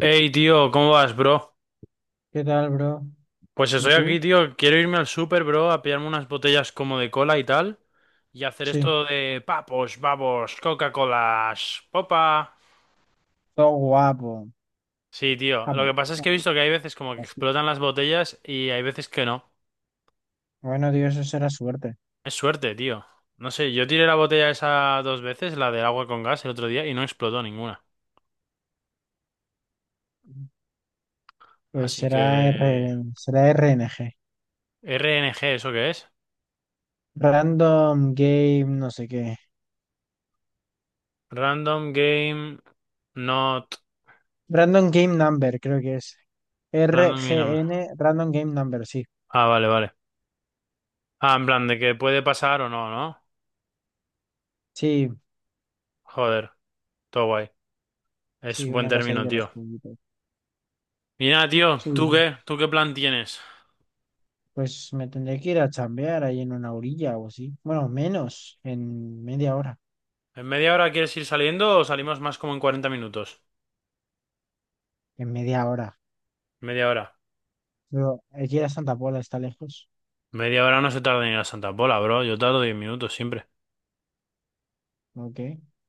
Hey, tío, ¿cómo vas, bro? ¿Qué tal, bro? Pues ¿Y estoy tú? aquí, tío. Quiero irme al super, bro, a pillarme unas botellas como de cola y tal. Y hacer Sí, esto de papos, babos, Coca-Colas, popa. todo guapo, Sí, tío. Lo que guapo, pasa es que he guapo, visto que hay veces como que así. explotan las botellas y hay veces que no. Bueno, Dios, eso será suerte. Es suerte, tío. No sé, yo tiré la botella esa dos veces, la del agua con gas, el otro día, y no explotó ninguna. Pues Así que... será RNG. RNG, ¿eso qué es? Random Game, no sé qué. Random Game Not... Random Game Number, creo que es. Random Game... RGN, Random Game Number, sí. Ah, vale, vale. Ah, en plan, de que puede pasar o no, ¿no? Sí, Joder, todo guay. Es sí, buen una cosa ahí término, de los tío. juguitos. Y nada, tío, Sí. ¿tú qué? ¿Tú qué plan tienes? Pues me tendré que ir a chambear ahí en una orilla o así. Bueno, menos, en media hora. ¿En media hora quieres ir saliendo o salimos más como en 40 minutos? En media hora. Media hora. Pero aquí a Santa Pola está lejos. Media hora no se tarda ni ir a Santa Pola, bro. Yo tardo 10 minutos siempre. Ok.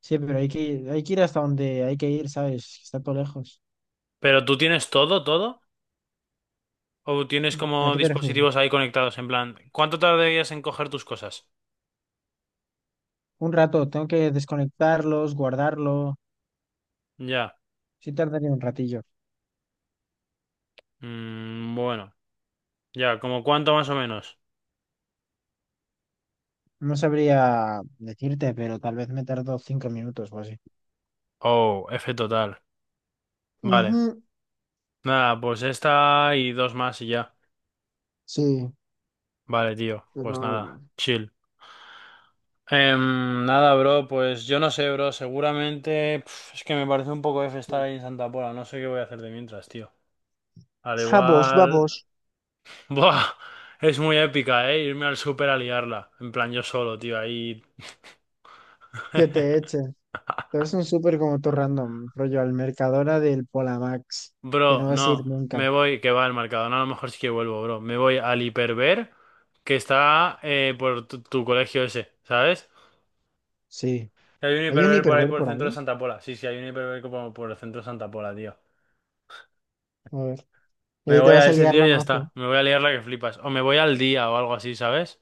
Sí, pero hay que ir hasta donde hay que ir, ¿sabes? Está todo lejos. ¿Pero tú tienes todo, todo? ¿O tienes ¿A como qué te refieres? dispositivos ahí conectados? En plan, ¿cuánto tardarías en coger tus cosas? Un rato, tengo que desconectarlos, guardarlo. Ya. Sí tardaría un ratillo. Mm, bueno. Ya, ¿como cuánto más o menos? No sabría decirte, pero tal vez me tardo 5 minutos o así. Oh, F total. Vale. Ujú, Nada, pues esta y dos más y ya. sí, Vale, tío. pero Pues nada, no. chill. Nada, bro, pues yo no sé, bro. Seguramente pf, es que me parece un poco F estar Sí. ahí en Santa Pola. No sé qué voy a hacer de mientras, tío. Al Vamos, igual. vamos. Buah, es muy épica, ¿eh? Irme al súper a liarla. En plan, yo solo, tío, ahí. Que te echen. Pero es un súper como todo random, rollo al Mercadona del Polamax, que Bro, no vas a ir no. nunca. Me voy, que va al mercado. No, a lo mejor sí que vuelvo, bro. Me voy al Hiperver, que está por tu colegio ese, ¿sabes? Sí. Hay un ¿Hay un hiperver por ahí hiperver por el por centro de ahí? Santa Pola. Sí, sí, hay un hiperver como por el centro de Santa Pola, tío. A ver. Y Me ahí te voy a vas a ese liar tío la y ya más. está. Me voy a liar la que flipas. O me voy al día o algo así, ¿sabes?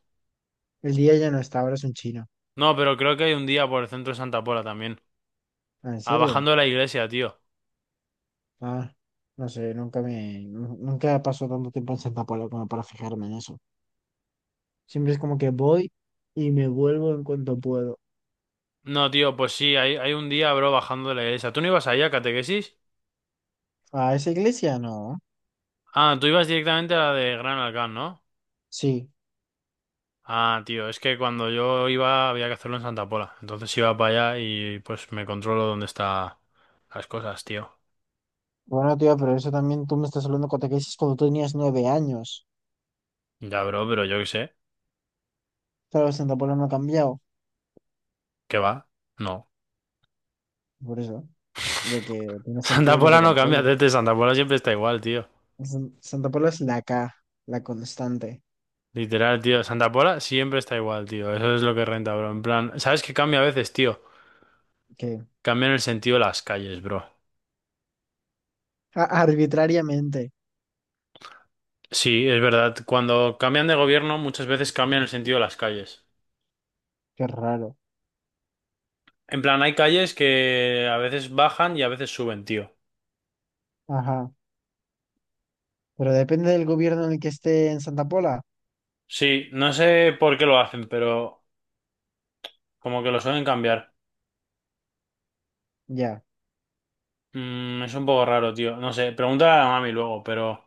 El día ya no está, ahora es un chino. No, pero creo que hay un día por el centro de Santa Pola también. Ah, ¿en Ah, serio? bajando de la iglesia, tío. Ah, no sé, nunca me, nu- nunca pasó tanto tiempo en Santa Paula como para fijarme en eso. Siempre es como que voy y me vuelvo en cuanto puedo. No, tío, pues sí, hay un día, bro, bajando de la iglesia. ¿Tú no ibas ahí a catequesis? ¿A esa iglesia? No. Ah, tú ibas directamente a la de Gran Alcán, ¿no? Sí. Ah, tío, es que cuando yo iba había que hacerlo en Santa Pola. Entonces iba para allá y pues me controlo dónde está las cosas, tío. Bueno, tío, pero eso también tú me estás hablando cuando te dices cuando tú tenías 9 años. Ya, bro, pero yo qué sé. Claro, Santa Paula no ha cambiado. ¿Qué va? No. Por eso, de que tiene Santa sentido que te Pola no controle. cambia, Tete. Santa Pola siempre está igual, tío. Santa Paula es la K, la constante, Literal, tío. Santa Pola siempre está igual, tío. Eso es lo que renta, bro. En plan, ¿sabes qué cambia a veces, tío? que Cambian el sentido de las calles, bro. Arbitrariamente. Sí, es verdad. Cuando cambian de gobierno, muchas veces cambian el sentido de las calles. Qué raro. En plan, hay calles que a veces bajan y a veces suben, tío. Ajá. Pero depende del gobierno en el que esté en Santa Pola. Sí, no sé por qué lo hacen, pero como que lo suelen cambiar. Ya, Es un poco raro, tío. No sé, pregúntale a la mami luego, pero...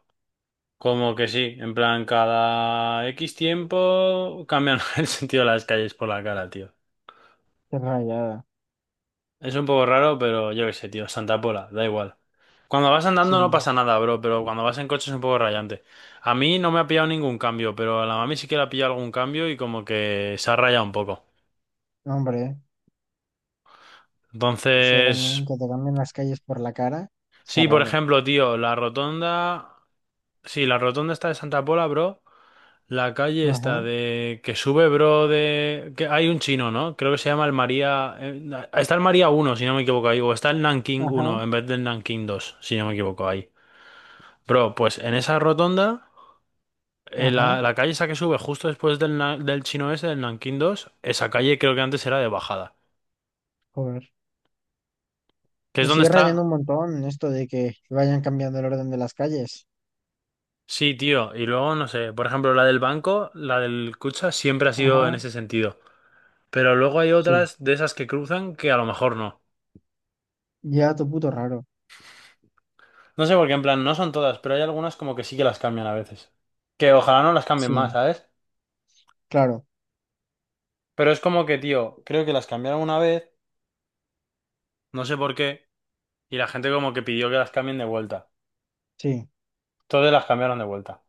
Como que sí, en plan, cada X tiempo cambian el sentido de las calles por la cara, tío. qué rayada. Es un poco raro, pero yo qué sé, tío, Santa Pola, da igual. Cuando vas Sí, andando no pasa nada, bro, pero cuando vas en coche es un poco rayante. A mí no me ha pillado ningún cambio, pero a la mami sí que le ha pillado algún cambio y como que se ha rayado un poco. hombre, sí, también Entonces, que te cambien las calles por la cara, está sí, por raro. ejemplo, tío, la rotonda... Sí, la rotonda está de Santa Pola, bro. La calle está Ajá, de que sube, bro, de que hay un chino, ¿no? Creo que se llama el María está el María 1, si no me equivoco ahí, o está el Nanking 1 ajá, en vez del Nanking 2, si no me equivoco ahí. Bro, pues en esa rotonda, ajá. la calle esa que sube justo después del, del chino ese, del Nanking 2, esa calle creo que antes era de bajada, Joder. que es Me donde sigue rayando está. un montón esto de que vayan cambiando el orden de las calles. Sí, tío, y luego no sé, por ejemplo, la del banco, la del Kutxa siempre ha sido en Ajá, ese sentido, pero luego hay sí. otras de esas que cruzan que a lo mejor no. Ya, tu puto raro. No sé por qué, en plan, no son todas, pero hay algunas como que sí que las cambian a veces. Que ojalá no las cambien Sí, más, ¿sabes? claro, Pero es como que, tío, creo que las cambiaron una vez, no sé por qué, y la gente como que pidió que las cambien de vuelta. sí. Todas las cambiaron de vuelta.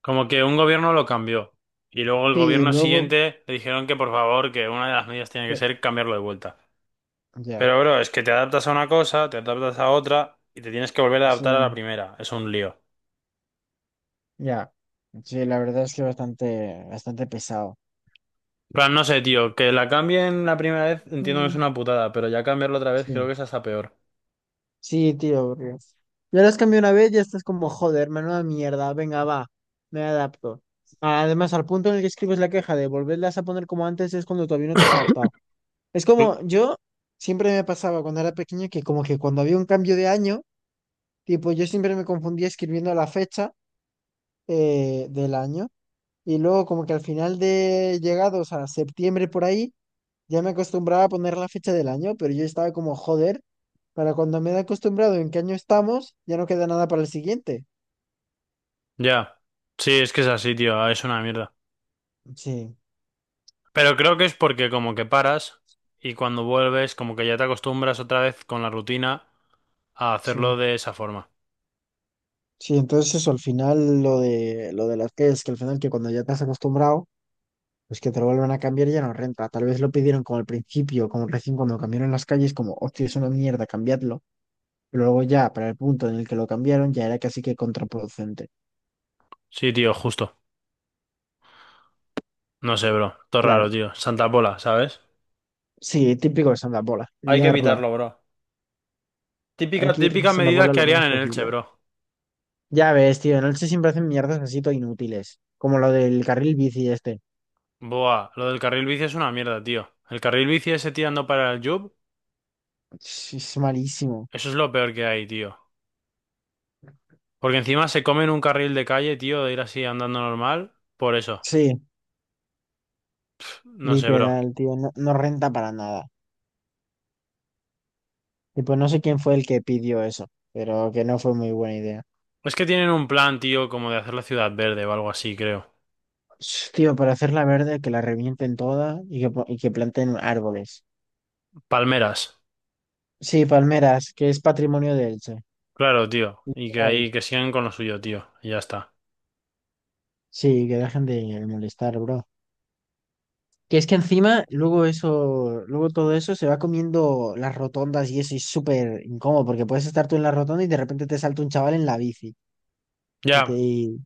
Como que un gobierno lo cambió. Y luego el Sí, y gobierno luego. siguiente le dijeron que por favor, que una de las medidas tiene que eh, ser cambiarlo de vuelta. Ya, Pero, bro, es que te adaptas a una cosa, te adaptas a otra, y te tienes que volver a sí, adaptar a la primera. Es un lío. ya. Sí, la verdad es que bastante, bastante pesado. Plan, no sé, tío, que la cambien la primera vez entiendo que es Mm, una putada, pero ya cambiarlo otra vez creo sí. que es hasta peor. Sí, tío, porque ya las cambié una vez, ya estás como, joder, menuda mierda, venga, va, me adapto. Además, al punto en el que escribes la queja de volverlas a poner como antes es cuando todavía no te has adaptado. Es Mm. como, yo siempre me pasaba cuando era pequeño que como que cuando había un cambio de año, tipo, yo siempre me confundía escribiendo la fecha del año y luego como que al final de llegados a septiembre por ahí, ya me acostumbraba a poner la fecha del año, pero yo estaba como, joder, para cuando me he acostumbrado en qué año estamos, ya no queda nada para el siguiente. Ya. Sí, es que es así, tío, ah, es una mierda. Sí, Pero creo que es porque como que paras y cuando vuelves como que ya te acostumbras otra vez con la rutina a hacerlo sí. de esa forma. Sí, entonces eso, al final lo de las que es que al final que cuando ya te has acostumbrado, pues que te lo vuelvan a cambiar ya no renta. Tal vez lo pidieron como al principio, como recién cuando cambiaron las calles, como, hostia, es una mierda, cambiadlo. Pero luego ya, para el punto en el que lo cambiaron, ya era casi que contraproducente. Sí, tío, justo. No sé, bro. Todo raro, Claro. tío. Santa Pola, ¿sabes? Sí, típico de Santa Hay que liarla. evitarlo, bro. Hay Típica, que ir en típica Santa medida que lo harían menos en Elche, posible. bro. Ya ves, tío, en el se siempre hacen mierdas así todo inútiles, como lo del carril bici este. Buah, lo del carril bici es una mierda, tío. El carril bici ese tirando para el Jub, Sí, es malísimo. eso es lo peor que hay, tío. Porque encima se comen un carril de calle, tío, de ir así andando normal. Por eso. Sí, No sé, bro. literal, tío, no, no renta para nada. Y pues no sé quién fue el que pidió eso, pero que no fue muy buena idea. Es que tienen un plan, tío, como de hacer la ciudad verde o algo así, creo. Sh, tío, para hacerla verde, que la revienten toda y que planten árboles. Palmeras. Sí, palmeras, que es patrimonio de Elche. Claro, tío. Y que Literal. ahí que sigan con lo suyo, tío. Y ya está. Sí, que dejen de molestar, bro. Que es que encima, luego eso, luego todo eso se va comiendo las rotondas y eso y es súper incómodo, porque puedes estar tú en la rotonda y de repente te salta un chaval en la bici y te Ya. y,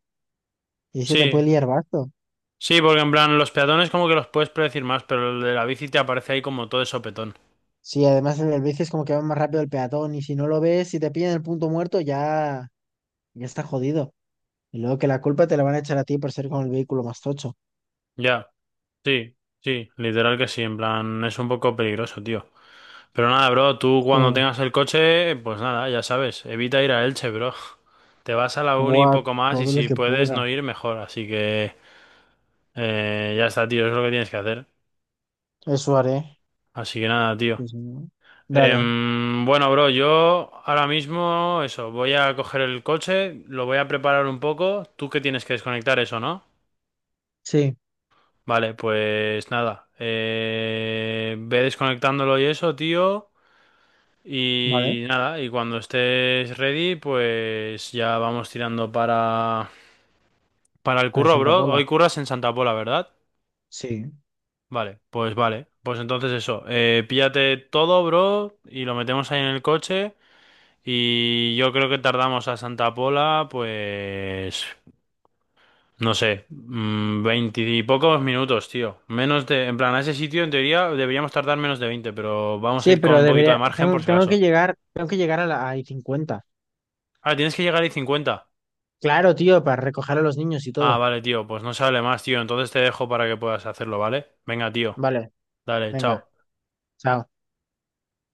y se te puede Sí. liar basto. Sí, porque en plan, los peatones como que los puedes predecir más, pero el de la bici te aparece ahí como todo de sopetón. Sí, además el bici es como que va más rápido el peatón y si no lo ves, si te pillan el punto muerto, ya, ya está jodido. Y luego que la culpa te la van a echar a ti por ser con el vehículo más tocho. Ya. Sí. Sí. Literal que sí. En plan, es un poco peligroso, tío. Pero nada, bro, tú cuando Sí, tengas el coche, pues nada, ya sabes, evita ir a Elche, bro. Te vas a la uni y buah, poco más y todo lo si que puedes pueda. no ir, mejor. Así que ya está, tío, es lo que tienes que hacer. Eso haré. Así que nada, tío. Sí, sí, ¿no? Dale. Bueno, bro, yo ahora mismo, eso, voy a coger el coche, lo voy a preparar un poco. Tú que tienes que desconectar eso, ¿no? Sí, Vale, pues nada. Ve desconectándolo y eso, tío. vale. Y nada, y cuando estés ready, pues ya vamos tirando para el Para curro, Santa bro. Pola. Hoy curras en Santa Pola, ¿verdad? Sí. Vale. Pues entonces eso, píllate todo, bro, y lo metemos ahí en el coche. Y yo creo que tardamos a Santa Pola, pues, no sé, veinte y pocos minutos, tío. Menos de, en plan, a ese sitio en teoría deberíamos tardar menos de veinte, pero vamos a Sí, ir con pero un poquito debería, de margen tengo, por si tengo que acaso. llegar, tengo que llegar a la a 50. Ah, tienes que llegar ahí cincuenta. Claro, tío, para recoger a los niños y Ah, todo. vale, tío, pues no se hable más, tío. Entonces te dejo para que puedas hacerlo, ¿vale? Venga, tío. Vale, Dale, venga, chao. chao.